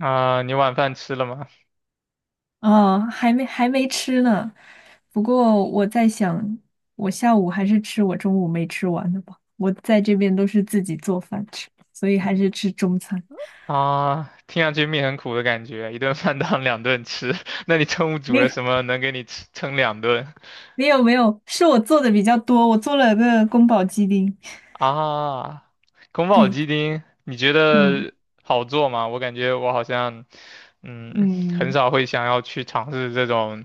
啊、你晚饭吃了吗？哦，还没吃呢。不过我在想，我下午还是吃我中午没吃完的吧。我在这边都是自己做饭吃，所以还是吃中餐。啊，听上去命很苦的感觉，一顿饭当两顿吃。那你中午煮没了有什么能给你吃撑两顿没有没有，是我做的比较多，我做了个宫保鸡丁。啊？宫保对，鸡丁，你觉嗯得好做吗？我感觉我好像，嗯，很嗯，少会想要去尝试这种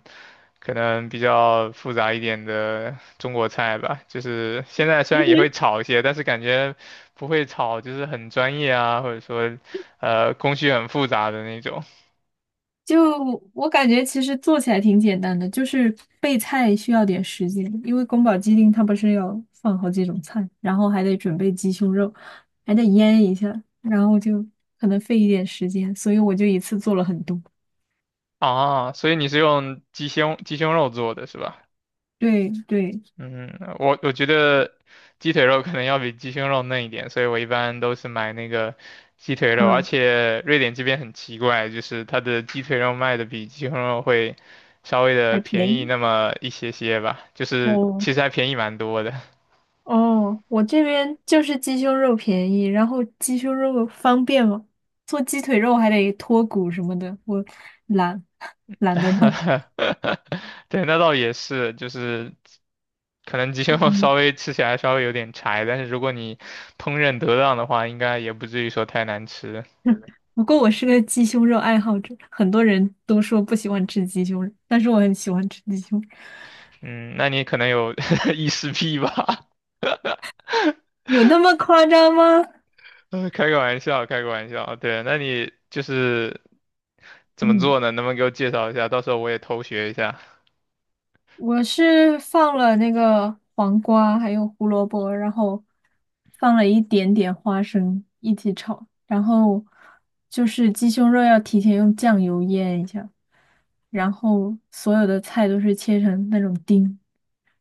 可能比较复杂一点的中国菜吧。就是现在虽然也会炒一些，但是感觉不会炒，就是很专业啊，或者说，工序很复杂的那种。就我感觉，其实做起来挺简单的，就是备菜需要点时间，因为宫保鸡丁它不是要放好几种菜，然后还得准备鸡胸肉，还得腌一下，然后就可能费一点时间，所以我就一次做了很多。啊，所以你是用鸡胸肉做的是吧？对对，嗯，我觉得鸡腿肉可能要比鸡胸肉嫩一点，所以我一般都是买那个鸡腿肉，而嗯，且瑞典这边很奇怪，就是它的鸡腿肉卖的比鸡胸肉会稍微的还便便宜宜。那么一些些吧，就是哦其实还便宜蛮多的。哦，我这边就是鸡胸肉便宜，然后鸡胸肉方便嘛，做鸡腿肉还得脱骨什么的，我懒 懒得弄。对，那倒也是，就是可能鸡肉 嗯。稍微吃起来稍微有点柴，但是如果你烹饪得当的话，应该也不至于说太难吃。不过我是个鸡胸肉爱好者，很多人都说不喜欢吃鸡胸肉，但是我很喜欢吃鸡胸肉。嗯，那你可能有 异食癖吧？有那么夸张吗？开个玩笑，开个玩笑。对，那你就是怎么嗯，做呢？能不能给我介绍一下？到时候我也偷学一下。我是放了那个黄瓜，还有胡萝卜，然后放了一点点花生一起炒，然后就是鸡胸肉要提前用酱油腌一下，然后所有的菜都是切成那种丁，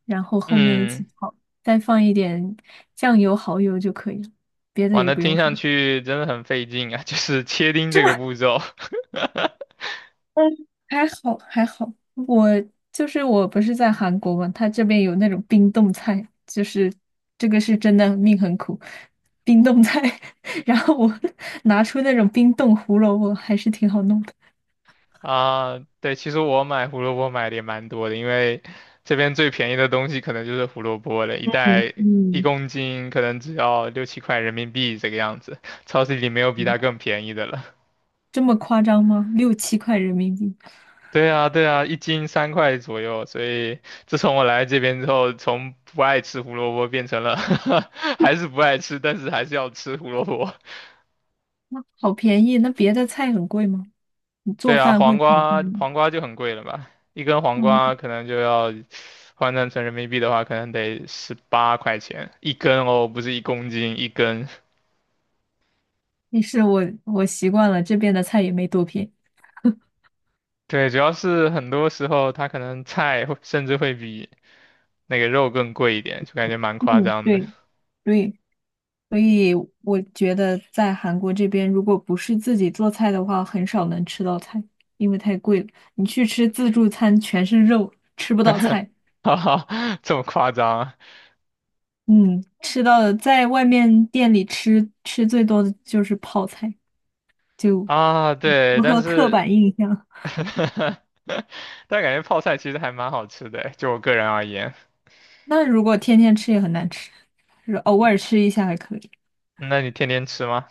然后后面一起嗯，炒，再放一点酱油、蚝油就可以了，别的哇，也那不用听什上么。去真的很费劲啊，就是切丁这个 步骤。嗯，还好还好，我不是在韩国嘛，他这边有那种冰冻菜，就是这个是真的命很苦，冰冻菜。然后我 拿出那种冰冻胡萝卜，还是挺好弄的。啊，对，其实我买胡萝卜买的也蛮多的，因为这边最便宜的东西可能就是胡萝卜了，一嗯，袋一嗯，公斤可能只要六七块人民币这个样子，超市里没有比它更便宜的了。这么夸张吗？六七块人民币，对啊，对啊，一斤三块左右，所以自从我来这边之后，从不爱吃胡萝卜变成了 还是不爱吃，但是还是要吃胡萝卜。那好便宜。那别的菜很贵吗？你做对啊，饭会黄很贵瓜吗？黄瓜就很贵了吧？一根黄嗯，瓜可能就要换算成人民币的话，可能得十八块钱一根哦，不是一公斤一根。也是我习惯了，这边的菜也没多便宜。对，主要是很多时候它可能菜会甚至会比那个肉更贵一点，就感觉蛮夸嗯，张的。对对。所以我觉得在韩国这边，如果不是自己做菜的话，很少能吃到菜，因为太贵了。你去吃自助餐，全是肉，吃不到菜。哈哈，这么夸张嗯，吃到的在外面店里吃，吃最多的就是泡菜，就啊？啊，对，符但合刻是 板印象。但感觉泡菜其实还蛮好吃的，就我个人而言。那如果天天吃也很难吃，就是偶尔吃一下还可以。那你天天吃吗？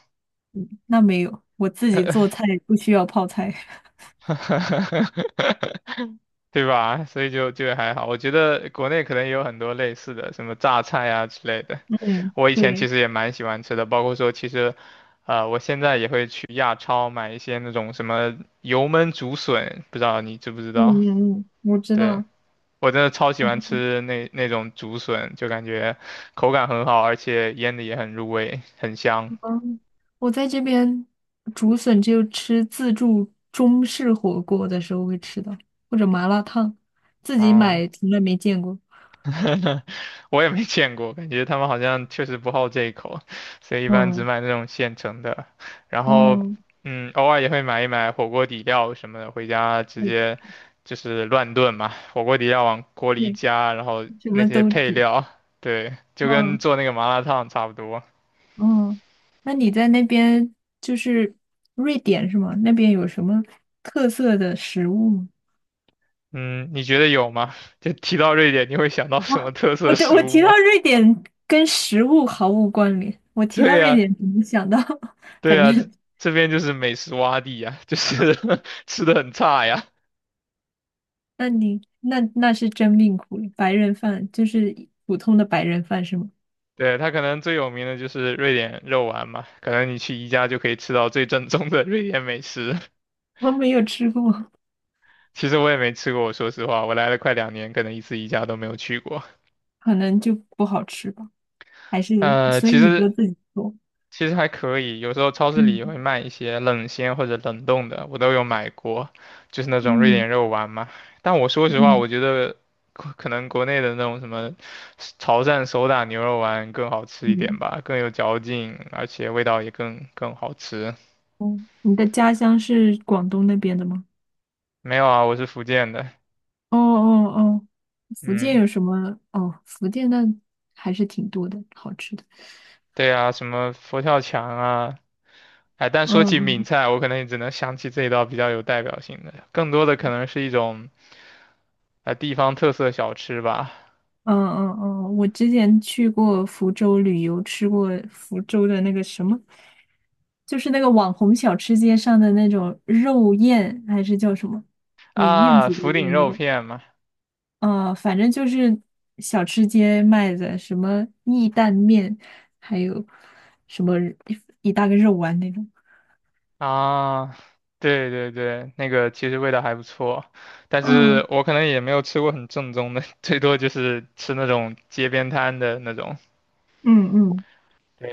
那没有，我自己做菜不需要泡菜。对吧？所以就还好，我觉得国内可能也有很多类似的，什么榨菜啊之类的。嗯，我以前对，其实也蛮喜欢吃的，包括说其实，我现在也会去亚超买一些那种什么油焖竹笋，不知道你知不知嗯道？嗯嗯，我知对，道。我真的超喜欢吃那种竹笋，就感觉口感很好，而且腌的也很入味，很香。嗯，我在这边竹笋只有吃自助中式火锅的时候会吃到，或者麻辣烫，自己啊。买从来没见过。我也没见过，感觉他们好像确实不好这一口，所以一般只嗯买那种现成的。然后，嗯，嗯，偶尔也会买一买火锅底料什么的，回家直对接就是乱炖嘛，火锅底料往锅里一对，加，然后什那么些都配煮。料，对，就跟嗯做那个麻辣烫差不多。嗯，那你在那边就是瑞典是吗？那边有什么特色的食物吗？嗯，你觉得有吗？就提到瑞典，你会想到什么哇，特我色对食我物提到吗？瑞典跟食物毫无关联，我 提到对瑞呀，典只能想到，对反呀，这正这边就是美食洼地呀，就是 吃的很差呀。那你那是真命苦，白人饭就是普通的白人饭是吗？对，他可能最有名的就是瑞典肉丸嘛，可能你去宜家就可以吃到最正宗的瑞典美食。我没有吃过，其实我也没吃过，我说实话，我来了快两年，可能一次宜家都没有去过。可能就不好吃吧。还是呃，所以其你都实自己做？其实还可以，有时候超市里也会嗯卖一些冷鲜或者冷冻的，我都有买过，就是那种瑞嗯典肉丸嘛。但我说实话，嗯我觉得可能国内的那种什么潮汕手打牛肉丸更好吃一点嗯。吧，更有嚼劲，而且味道也更好吃。哦，你的家乡是广东那边的吗？没有啊，我是福建的。哦哦哦，福建嗯，有什么？哦，福建那还是挺多的，好吃的。对啊，什么佛跳墙啊，哎，但说嗯起闽嗯菜，我可能也只能想起这一道比较有代表性的，更多的可能是一种地方特色小吃吧。嗯嗯嗯，我之前去过福州旅游，吃过福州的那个什么，就是那个网红小吃街上的那种肉燕，还是叫什么？那燕啊，子的福鼎燕那肉个，片嘛。反正就是小吃街卖的什么意蛋面，还有什么一大个肉丸那种。啊，对对对，那个其实味道还不错，但嗯是我可能也没有吃过很正宗的，最多就是吃那种街边摊的那种，嗯嗯，对，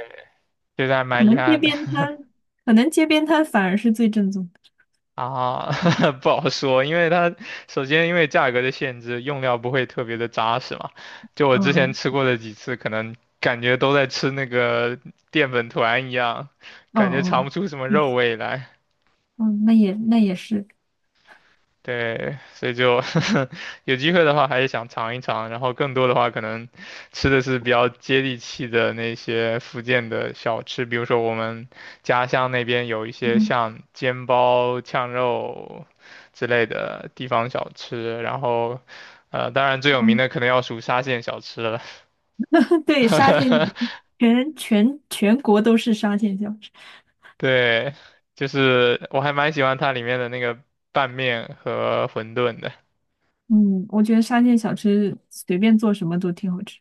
觉得还可蛮遗能街憾的。边摊，可能街边摊反而是最正宗的。啊，不好说，因为它首先因为价格的限制，用料不会特别的扎实嘛。就我之前嗯吃过的几次，可能感觉都在吃那个淀粉团一样，感觉嗯尝不嗯，出什么确肉实，味来。嗯，那也是。对，所以就 有机会的话还是想尝一尝，然后更多的话可能吃的是比较接地气的那些福建的小吃，比如说我们家乡那边有一些嗯像煎包、呛肉之类的地方小吃，然后当然最有名嗯，的可能要数沙县小吃了，对，沙县小吃，全国都是沙县小吃。对，就是我还蛮喜欢它里面的那个拌面和馄饨的。嗯，我觉得沙县小吃随便做什么都挺好吃。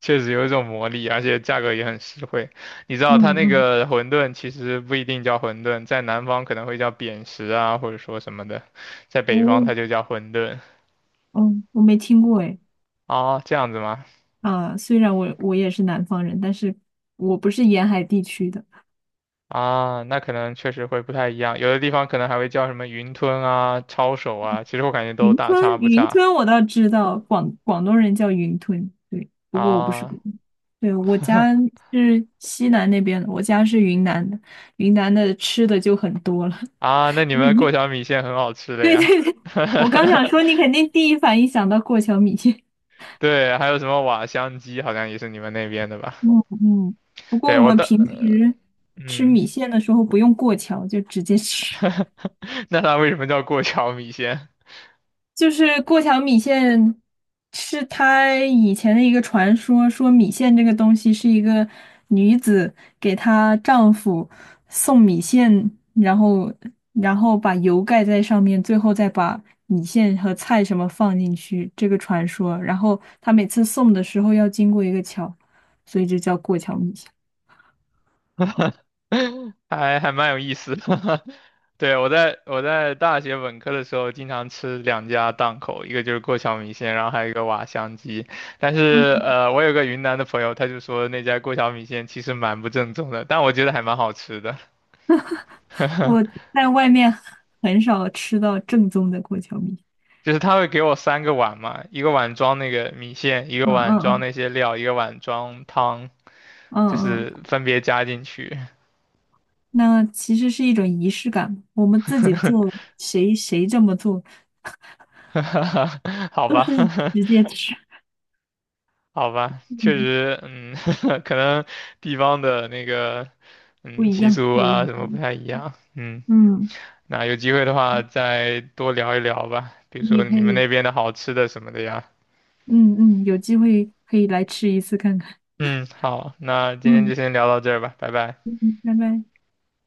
确实有一种魔力，而且价格也很实惠。你知道它嗯那嗯，个馄饨其实不一定叫馄饨，在南方可能会叫扁食啊，或者说什么的，在北哦，方它就叫馄饨。嗯，我没听过哎。哦，这样子吗？啊，虽然我也是南方人，但是我不是沿海地区的。啊，那可能确实会不太一样，有的地方可能还会叫什么云吞啊、抄手啊，其实我感觉都云大吞，差不云差。吞我倒知道，广东人叫云吞，对，不过我不是啊广东。对，我家是西南那边的，我家是云南的，云南的吃的就很多了。啊，那 你你 们过桥米线很好吃 的对呀。对对，我刚想 说，你肯定第一反应想到过桥米线。对，还有什么瓦香鸡，好像也是你们那边的吧？嗯嗯，不过对，我我们平的，时吃嗯。米线的时候不用过桥，就直接吃。那它为什么叫过桥米线？就是过桥米线是他以前的一个传说，说米线这个东西是一个女子给她丈夫送米线，然后把油盖在上面，最后再把米线和菜什么放进去，这个传说。然后她每次送的时候要经过一个桥，所以就叫过桥米线。还还蛮有意思的。对，我在大学本科的时候，经常吃两家档口，一个就是过桥米线，然后还有一个瓦香鸡。但是嗯，我有个云南的朋友，他就说那家过桥米线其实蛮不正宗的，但我觉得还蛮好吃的。我在外面很少吃到正宗的过桥米线。就是他会给我三个碗嘛，一个碗装那个米线，一嗯个碗嗯装嗯那些料，一个碗装汤，就嗯嗯。是分别加进去。那其实是一种仪式感。我们自己做，谁这么做，好都吧，是直 接吃，好吧，确嗯实，嗯，可能地方的那个，不嗯，一习样，俗有啊意什么不义。太一样，嗯，嗯，那有机会的话再多聊一聊吧，比如你说也可你们以，那边的好吃的什么的呀，嗯嗯，有机会可以来吃一次看看。嗯，好，那今天嗯就先聊到这儿吧，拜拜。嗯，拜拜。